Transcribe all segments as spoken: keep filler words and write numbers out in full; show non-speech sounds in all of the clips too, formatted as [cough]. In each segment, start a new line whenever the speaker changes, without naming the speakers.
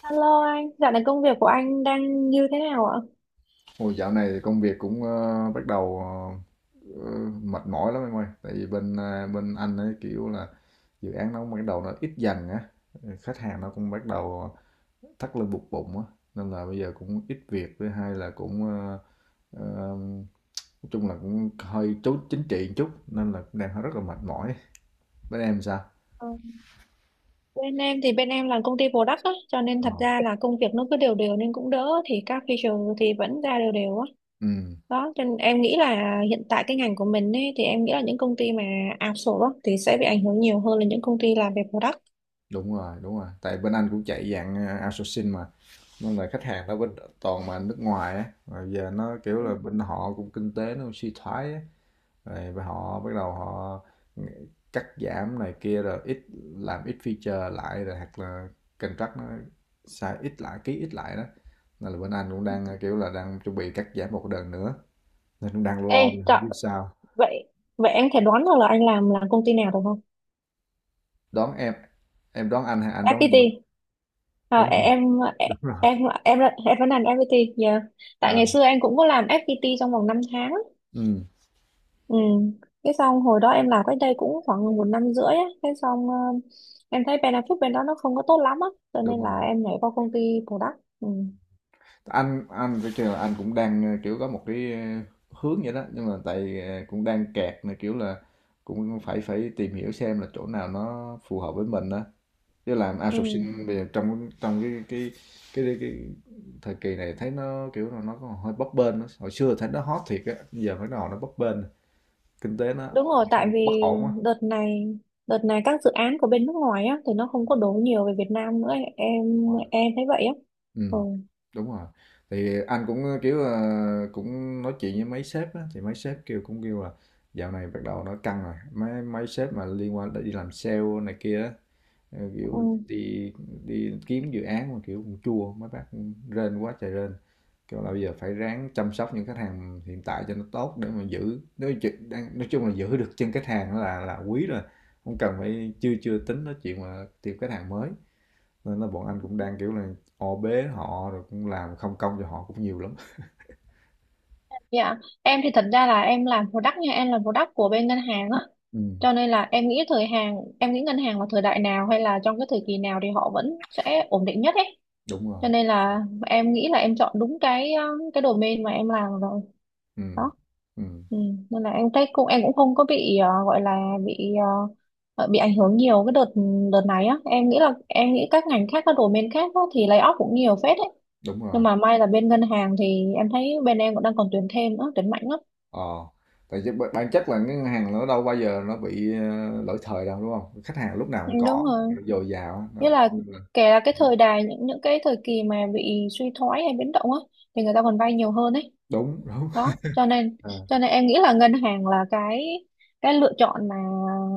Alo anh, dạo này công việc của anh đang như thế nào ạ?
Ôi, dạo này thì công việc cũng ờ, bắt đầu ờ, ờ, mệt mỏi lắm em ơi. Tại vì bên ờ, bên anh ấy kiểu là dự án nó cũng bắt đầu nó ít dần á, khách hàng nó cũng bắt đầu thắt lưng buộc bụng á, nên là bây giờ cũng ít việc. Thứ hai là cũng ờ, ờ, nói chung là cũng hơi chú chính trị một chút nên là cũng đang rất là mệt mỏi. Bên em sao?
Ờ, Bên em thì bên em là công ty product á, cho nên
Ờ.
thật ra là công việc nó cứ đều đều nên cũng đỡ, thì các feature thì vẫn ra đều đều á.
Ừ,
Đó, cho nên em nghĩ là hiện tại cái ngành của mình ấy, thì em nghĩ là những công ty mà outsource á, thì sẽ bị ảnh hưởng nhiều hơn là những công ty làm về product.
đúng rồi, đúng rồi. Tại bên anh cũng chạy dạng ờ, outsourcing mà. Nên là khách hàng ở bên toàn mà nước ngoài á rồi giờ nó kiểu
Ừ.
là bên họ cũng kinh tế nó suy thoái á, rồi bên họ bắt đầu họ cắt giảm này kia, rồi ít làm ít feature lại, rồi hoặc là contract nó sai ít lại, ký ít lại đó. Nên là bên anh cũng đang kiểu là đang chuẩn bị cắt giảm một đợt nữa, nên cũng đang lo nè,
Ê, trời,
không biết sao.
vậy vậy em thể đoán được là anh làm là công ty nào được không?
Đón em em đón anh hay anh đón
ép pê tê.
em?
À,
Đúng rồi,
em
đúng rồi.
em em em vẫn làm ép pê tê. Yeah. Tại
À,
ngày xưa em cũng có làm ép pê tê trong vòng năm tháng.
ừ,
Ừ. Cái xong hồi đó em làm cách đây cũng khoảng một năm rưỡi á. Cái xong ờ, em thấy benefit bên đó nó không có tốt lắm á. Cho nên
đúng rồi.
là em nhảy qua công ty product. Ừ.
Anh anh phải kêu là anh cũng đang ờ, kiểu có một cái ờ, hướng vậy đó, nhưng mà tại ờ, cũng đang kẹt này, kiểu là cũng phải phải tìm hiểu xem là chỗ nào nó phù hợp với mình đó, chứ làm
Ừ.
outsourcing bây giờ trong trong cái cái cái cái, cái thời kỳ này thấy nó kiểu là nó còn hơi bấp bênh đó. Hồi xưa thấy nó hot thiệt á, giờ mới nào nó bấp bênh, kinh tế nó
Đúng rồi, tại
ổn- bất
vì
ổn á.
đợt này đợt này các dự án của bên nước ngoài á thì nó không có đổ nhiều về Việt Nam nữa, em em thấy vậy á.
Ừ,
Ừ.
đúng rồi. Thì anh cũng, ờ, kiểu, ờ, cũng nói chuyện với mấy sếp á, thì mấy sếp kêu cũng kêu là dạo này bắt đầu nó căng rồi, mấy mấy sếp mà liên quan tới đi làm sale này kia á, ờ, kiểu,
Ừ.
đi đi kiếm dự án mà, kiểu, cũng chua, mấy bác cũng rên quá trời rên. Kêu là bây giờ phải ráng chăm sóc những khách hàng hiện tại cho nó tốt để mà giữ, nói ch đang nói chung là giữ được chân khách hàng là là quý rồi, không cần phải chưa chưa tính nói chuyện mà tìm khách hàng mới, nên là bọn anh cũng đang kiểu là o bế họ, rồi cũng làm không công cho họ cũng nhiều lắm.
Dạ, em thì thật ra là em làm product nha, em làm product của bên ngân hàng á.
Ừ,
Cho nên là em nghĩ thời hàng, em nghĩ ngân hàng vào thời đại nào hay là trong cái thời kỳ nào thì họ vẫn sẽ ổn định nhất ấy.
đúng rồi.
Cho nên là em nghĩ là em chọn đúng cái um, cái domain mà em làm rồi
Ừ,
đó.
ừ,
Ừ. Nên là em thấy cũng em cũng không có bị ờ, gọi là bị ờ, ờ, bị ảnh hưởng nhiều cái đợt đợt này á. Em nghĩ là em nghĩ các ngành khác, các domain khác á, thì lay off cũng nhiều phết đấy,
đúng
nhưng
rồi.
mà may là bên ngân hàng thì em thấy bên em cũng đang còn tuyển thêm nữa, tuyển mạnh lắm.
ờ Tại vì b- bản chất là cái ngân hàng nó đâu bao giờ nó bị ờ, lỗi thời đâu, đúng không? Khách hàng lúc nào
Ừ,
cũng
đúng
có
rồi,
dồi dào.
nghĩa là kể là cái thời đại, những những cái thời kỳ mà bị suy thoái hay biến động á, thì người ta còn vay nhiều hơn ấy.
Đúng, đúng.
Đó cho nên
[laughs]
cho nên em nghĩ là ngân hàng là cái cái lựa chọn mà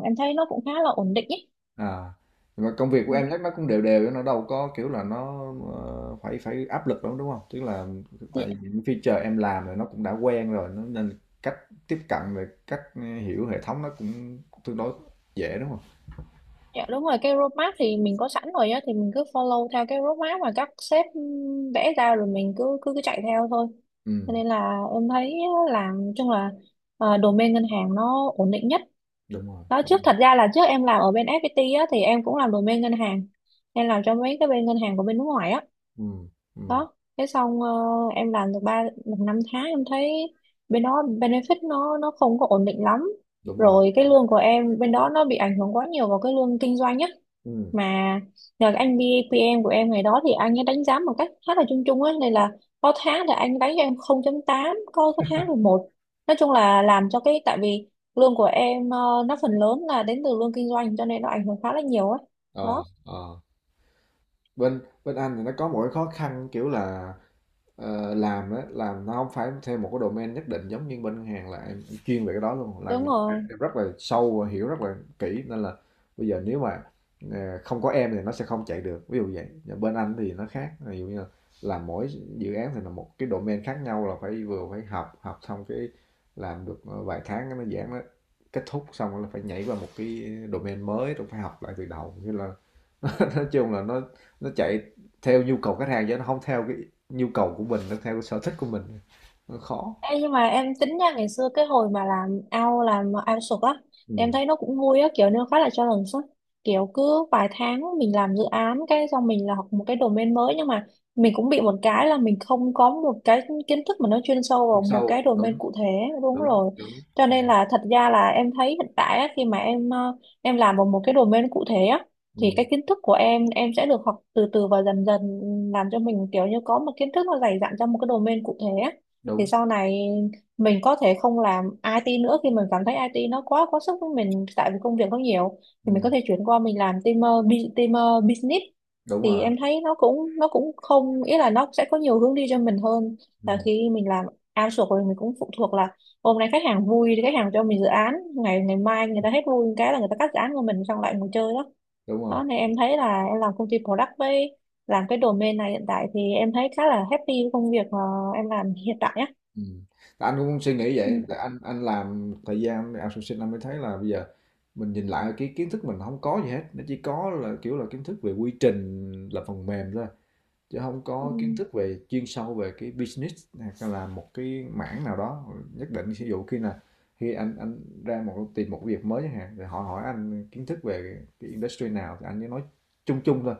em thấy nó cũng khá là ổn định ấy.
À, nhưng mà công việc của
Ừ,
em chắc nó cũng đều đều, nó đâu có kiểu là nó ờ, phải phải áp lực lắm đúng không? Tức là
dạ,
tại vì những feature em làm rồi nó cũng đã quen rồi, nó nên cách tiếp cận về cách hiểu hệ thống nó cũng tương đối dễ đúng không?
dạ, đúng rồi, cái roadmap thì mình có sẵn rồi á, thì mình cứ follow theo cái roadmap mà các sếp vẽ ra, rồi mình cứ cứ cứ chạy theo thôi. Cho
Ừ,
nên là em thấy làm chung là ờ, domain ngân hàng nó ổn định nhất.
đúng rồi,
Đó,
đúng
trước
rồi.
thật ra là trước em làm ở bên ép pê tê á thì em cũng làm domain ngân hàng, em làm cho mấy cái bên ngân hàng của bên nước ngoài á.
Ừ, ừ,
Đó thế xong ờ, em làm được ba được năm tháng em thấy bên đó benefit nó nó không có ổn định lắm.
đúng rồi.
Rồi cái lương của em bên đó nó bị ảnh hưởng quá nhiều vào cái lương kinh doanh á,
Ừ.
mà nhờ cái anh bê pê em của em ngày đó thì anh ấy đánh giá một cách khá là chung chung á, nên là có tháng thì anh đánh cho em không chấm tám, có có tháng thì một. Nói chung là làm cho cái, tại vì lương của em ờ, nó phần lớn là đến từ lương kinh doanh, cho nên nó ảnh hưởng khá là nhiều á
ờ,
đó.
ờ. bên bên Anh thì nó có một cái khó khăn kiểu là ờ, làm á làm nó không phải theo một cái domain nhất định, giống như bên ngân hàng là em chuyên về cái đó luôn, là
Đúng rồi.
em rất là sâu và hiểu rất là kỹ, nên là bây giờ nếu mà ờ, không có em thì nó sẽ không chạy được, ví dụ vậy. Và bên Anh thì nó khác, ví dụ như là làm mỗi dự án thì là một cái domain khác nhau, là phải vừa phải học, học xong cái làm được ờ, vài tháng cái nó giãn, nó kết thúc xong là phải nhảy vào một cái domain mới rồi phải học lại từ đầu, như là [laughs] nói chung là nó nó chạy theo nhu cầu khách hàng chứ nó không theo cái nhu cầu của mình, nó theo cái sở thích của mình, nó khó.
Ê, nhưng mà em tính nha, ngày xưa cái hồi mà làm ao làm ao sục á, em
Ừm,
thấy nó cũng vui á, kiểu nó khá là challenge á, kiểu cứ vài tháng mình làm dự án cái xong mình là học một cái domain mới, nhưng mà mình cũng bị một cái là mình không có một cái kiến thức mà nó chuyên sâu
chiều
vào một
sâu,
cái domain cụ thể. Đúng
đúng,
rồi.
đúng,
Cho
ừm,
nên là thật ra là em thấy hiện tại á, khi mà em ờ, em làm vào một cái domain cụ thể á, thì
ừm,
cái kiến thức của em em sẽ được học từ từ và dần dần, làm cho mình kiểu như có một kiến thức nó dày dặn trong một cái domain cụ thể á, thì
đúng,
sau này mình có thể không làm ai ti nữa, khi mình cảm thấy ai ti nó quá quá sức với mình, tại vì công việc nó nhiều, thì mình
ừm,
có thể chuyển qua mình làm team uh, bu- team uh, business,
đúng
thì
rồi,
em thấy nó cũng nó cũng không, ý là nó sẽ có nhiều hướng đi cho mình hơn là
ừm,
khi mình làm outsource, rồi mình cũng phụ thuộc là hôm nay khách hàng vui thì khách hàng cho mình dự án, ngày ngày mai người ta hết vui cái là người ta cắt dự án của mình xong lại ngồi chơi đó.
đúng rồi,
Đó nên em thấy là em làm công ty product với làm cái domain này hiện tại thì em thấy khá là happy với công việc mà em làm hiện tại á.
ừm. Anh cũng suy nghĩ vậy, tại
Ừ,
anh anh làm thời gian outsourcing, anh mới thấy là bây giờ mình nhìn lại cái kiến thức mình không có gì hết, nó chỉ có là, kiểu là, kiến thức về quy trình là phần mềm thôi. Chứ không có kiến
ừ,
thức về chuyên sâu về cái business hay là một cái mảng nào đó nhất định, ví dụ khi là khi anh anh ra một tìm một việc mới chẳng hạn, rồi họ hỏi anh kiến thức về cái industry nào thì anh chỉ nói chung chung thôi.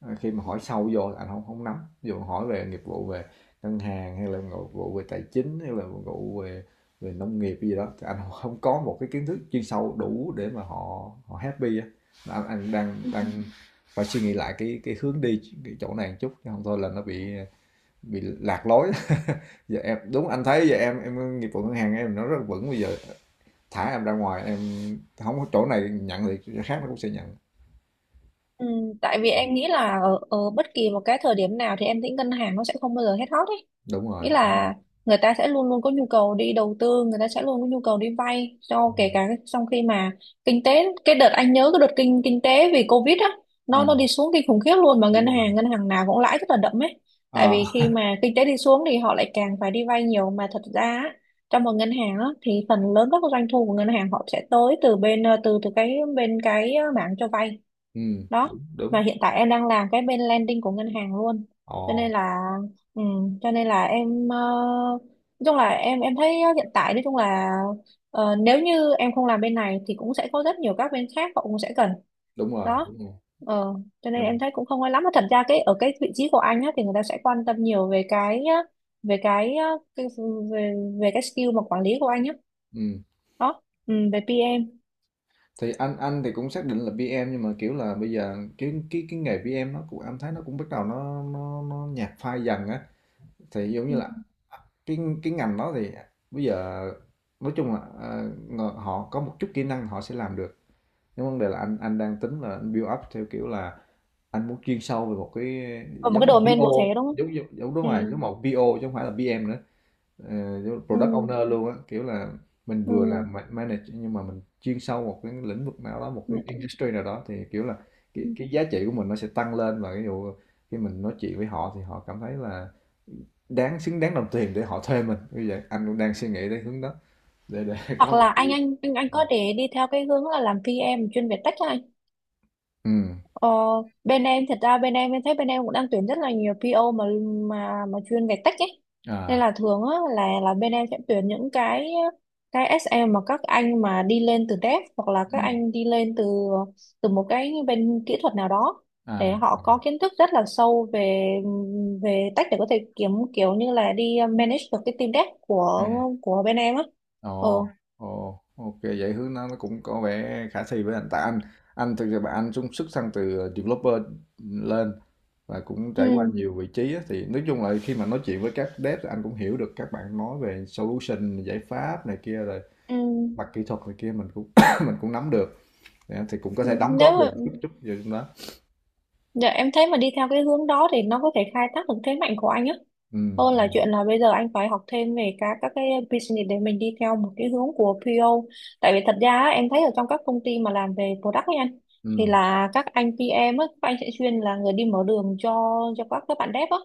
Ờ, khi mà hỏi sâu vô là anh không không nắm. Dù dụ hỏi về nghiệp vụ về ngân hàng, hay là nghiệp vụ về tài chính, hay là nghiệp vụ về về nông nghiệp gì đó, thì anh không có một cái kiến thức chuyên sâu đủ để mà họ họ happy á. Anh, anh đang
ừ.
đang phải suy nghĩ lại cái cái hướng đi cái chỗ này một chút, chứ không thôi là nó bị bị lạc lối. [laughs] Giờ em, đúng, anh thấy giờ em em nghiệp vụ ngân hàng em nó rất vững, bây giờ thả em ra ngoài em không có chỗ này nhận thì chỗ khác nó cũng sẽ nhận.
Ừ, tại vì em nghĩ là ở, ở bất kỳ một cái thời điểm nào thì em nghĩ ngân hàng nó sẽ không bao giờ hết hot ấy,
Đúng
nghĩa
rồi.
là người ta sẽ luôn luôn có nhu cầu đi đầu tư, người ta sẽ luôn có nhu cầu đi vay, cho kể cả trong khi mà kinh tế, cái đợt anh nhớ cái đợt kinh kinh tế vì Covid á, nó
Ừ,
nó đi xuống kinh khủng khiếp luôn, mà
đúng
ngân
rồi.
hàng, ngân hàng nào cũng lãi rất là đậm ấy. Tại
À,
vì khi mà kinh tế đi xuống thì họ lại càng phải đi vay nhiều, mà thật ra á, trong một ngân hàng á, thì phần lớn các doanh thu của ngân hàng họ sẽ tới từ bên ờ, từ từ cái bên cái ờ, mảng cho vay
ừ,
đó,
đúng, đúng.
mà hiện tại em đang làm cái bên landing của ngân hàng luôn. Cho
Ồ.
nên là ừ, cho nên là em ờ, nói chung là em em thấy ờ, hiện tại nói chung là ờ, nếu như em không làm bên này thì cũng sẽ có rất nhiều các bên khác họ cũng sẽ cần
Đúng rồi,
đó.
đúng rồi.
Ờ, cho nên
Mình,
em thấy cũng không ai lắm, mà thật ra cái ở cái vị trí của anh á, thì người ta sẽ quan tâm nhiều về cái á, về cái, á, cái về, về cái skill mà quản lý của anh á
ừm,
đó, ừ, về pê em.
thì anh anh thì cũng xác định là pê em, nhưng mà, kiểu là, bây giờ cái cái cái nghề pê em nó cũng anh thấy nó cũng bắt đầu nó nó nó nhạt phai dần á. Thì giống
Ừ.
như là à, cái cái ngành đó thì bây giờ nói chung là, ờ, ngờ họ có một chút kỹ năng họ sẽ làm được. Nhưng vấn đề là anh anh đang tính là anh build up theo kiểu là anh muốn chuyên sâu về một cái,
Ở một
giống
cái
như
domain cụ thể
pi âu,
đúng không.
giống giống giống đúng
Ừ.
rồi, giống một pê ô chứ không phải là pê em nữa. Ờ, giống
Ừ.
product owner luôn á, kiểu là mình
Ừ.
vừa làm ma- manage nhưng mà mình chuyên sâu một cái lĩnh vực nào đó, một
Ừ.
cái industry nào đó, thì kiểu là cái,
Ừ.
cái giá trị của mình nó sẽ tăng lên, và ví dụ khi mình nói chuyện với họ thì họ cảm thấy là đáng, xứng đáng đồng tiền để họ thuê mình. Như vậy anh cũng đang suy nghĩ đến hướng đó, để để [laughs]
Hoặc
có một
là
cái.
anh anh anh anh có thể đi theo cái hướng là làm pê em chuyên về tech á anh.
Ừ,
ờ, Bên em thật ra bên em em thấy bên em cũng đang tuyển rất là nhiều pê ô mà, mà mà chuyên về tech ấy, nên
à,
là thường á là là bên em sẽ tuyển những cái cái ét em mà các anh mà đi lên từ dev, hoặc là các
ừ.
anh đi lên từ từ một cái bên kỹ thuật nào đó, để
À,
họ có kiến thức rất là sâu về về tech, để có thể kiếm kiểu như là đi ờ, manage được cái team dev
ừ.
của của bên em á. Ừ.
Ồ, ồ, ok, vậy hướng nó nó cũng có vẻ khả thi với anh, tại anh anh thực ra bạn anh xung sức sang từ ờ, developer lên, và cũng trải qua
Ừ.
nhiều vị trí á, thì nói chung là khi mà nói chuyện với các dev thì anh cũng hiểu được các bạn nói về solution, giải pháp này kia, rồi
Ừ.
mặt kỹ thuật này kia mình cũng [coughs] mình cũng nắm được, thì anh thì cũng có thể đóng
Nếu
góp được
mà,
chút chút vào trong đó.
dạ em thấy mà đi theo cái hướng đó thì nó có thể khai thác được thế mạnh của anh á.
Ừ,
Hơn là
ừ,
chuyện là bây giờ anh phải học thêm về các các cái business để mình đi theo một cái hướng của pê ô. Tại vì thật ra á, em thấy ở trong các công ty mà làm về product ấy anh, thì
ừ.
là các anh pê em á, các anh sẽ chuyên là người đi mở đường cho cho các các bạn dev á.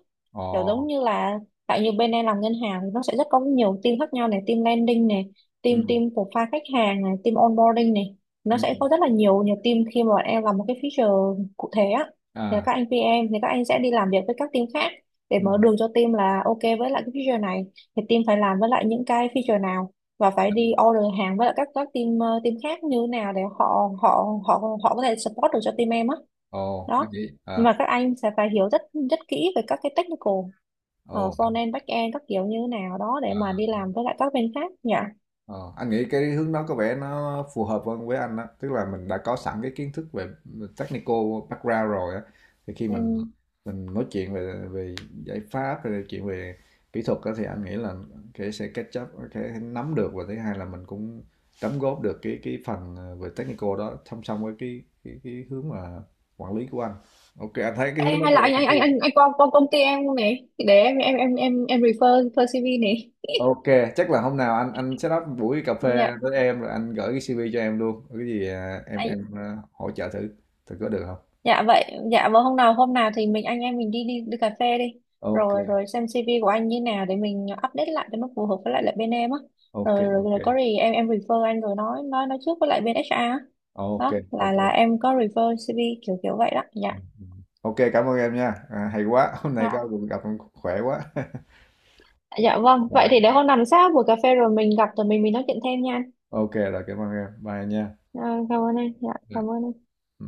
Kiểu giống
Ồ,
như là tại như bên em làm ngân hàng thì nó sẽ rất có nhiều team khác nhau này, team landing này,
ừ,
team team profile khách hàng này, team onboarding này. Nó
ừ,
sẽ có rất là nhiều nhiều team khi mà bọn em làm một cái feature cụ thể á, thì
à,
các anh pê em thì các anh sẽ đi làm việc với các team khác để
ừ.
mở đường cho team, là ok với lại cái feature này thì team phải làm với lại những cái feature nào, và phải đi order hàng với lại các các team ờ, team khác như thế nào để họ họ họ họ có thể support được cho team em á.
Ồ, anh
Đó
nghĩ,
nhưng
à,
mà các anh sẽ phải hiểu rất rất kỹ về các cái technical,
ồ,
uh, front end, back end các kiểu như thế nào đó để mà
à,
đi làm với lại các bên khác nhỉ.
ờ, anh nghĩ cái hướng đó có vẻ nó phù hợp hơn với anh á, tức là mình đã có sẵn cái kiến thức về technical background rồi á, thì khi
Ừ.
mình mình nói chuyện về về giải pháp, về chuyện về kỹ thuật á, thì anh nghĩ là cái sẽ catch up, cái nắm được, và thứ hai là mình cũng đóng góp được cái cái phần ờ, về technical đó, song song với cái cái, cái hướng mà quản lý của anh. Ok, anh thấy cái
Ê,
hướng đó
hay
có
là anh
vẻ.
anh anh anh anh qua qua công ty em không này, để em em em em em refer, refer xê vê này
Ok, chắc là hôm nào anh anh set up buổi cà
nhỉ.
phê với em, rồi anh gửi cái xê vê cho em luôn. Có cái gì à, em em à, hỗ trợ thử thử có được không?
Dạ vậy, dạ vâng, hôm nào, hôm nào thì mình anh em mình đi đi đi cà phê đi.
Ok,
Rồi, rồi xem xê vê của anh như nào để mình update lại cho nó phù hợp với lại lại bên em á.
ok,
Rồi, rồi,
ok.
rồi có gì em em refer anh, rồi nói nói nói trước với lại bên hát rờ á.
Ok,
Đó, là
ok.
là em có refer xê vê kiểu kiểu vậy đó.
Ừ,
Dạ.
ừ. Ok, cảm ơn em nha. À, hay quá, hôm nay
À,
có cuộc gặp em khỏe quá. [laughs]
dạ vâng, vậy
Rồi.
thì để hôm nào sau buổi cà phê rồi mình gặp rồi mình mình nói chuyện thêm nha anh.
Ok rồi, cảm ơn em. Bye nha.
À, cảm ơn em. Dạ,
Dạ.
cảm ơn em.
Ừ.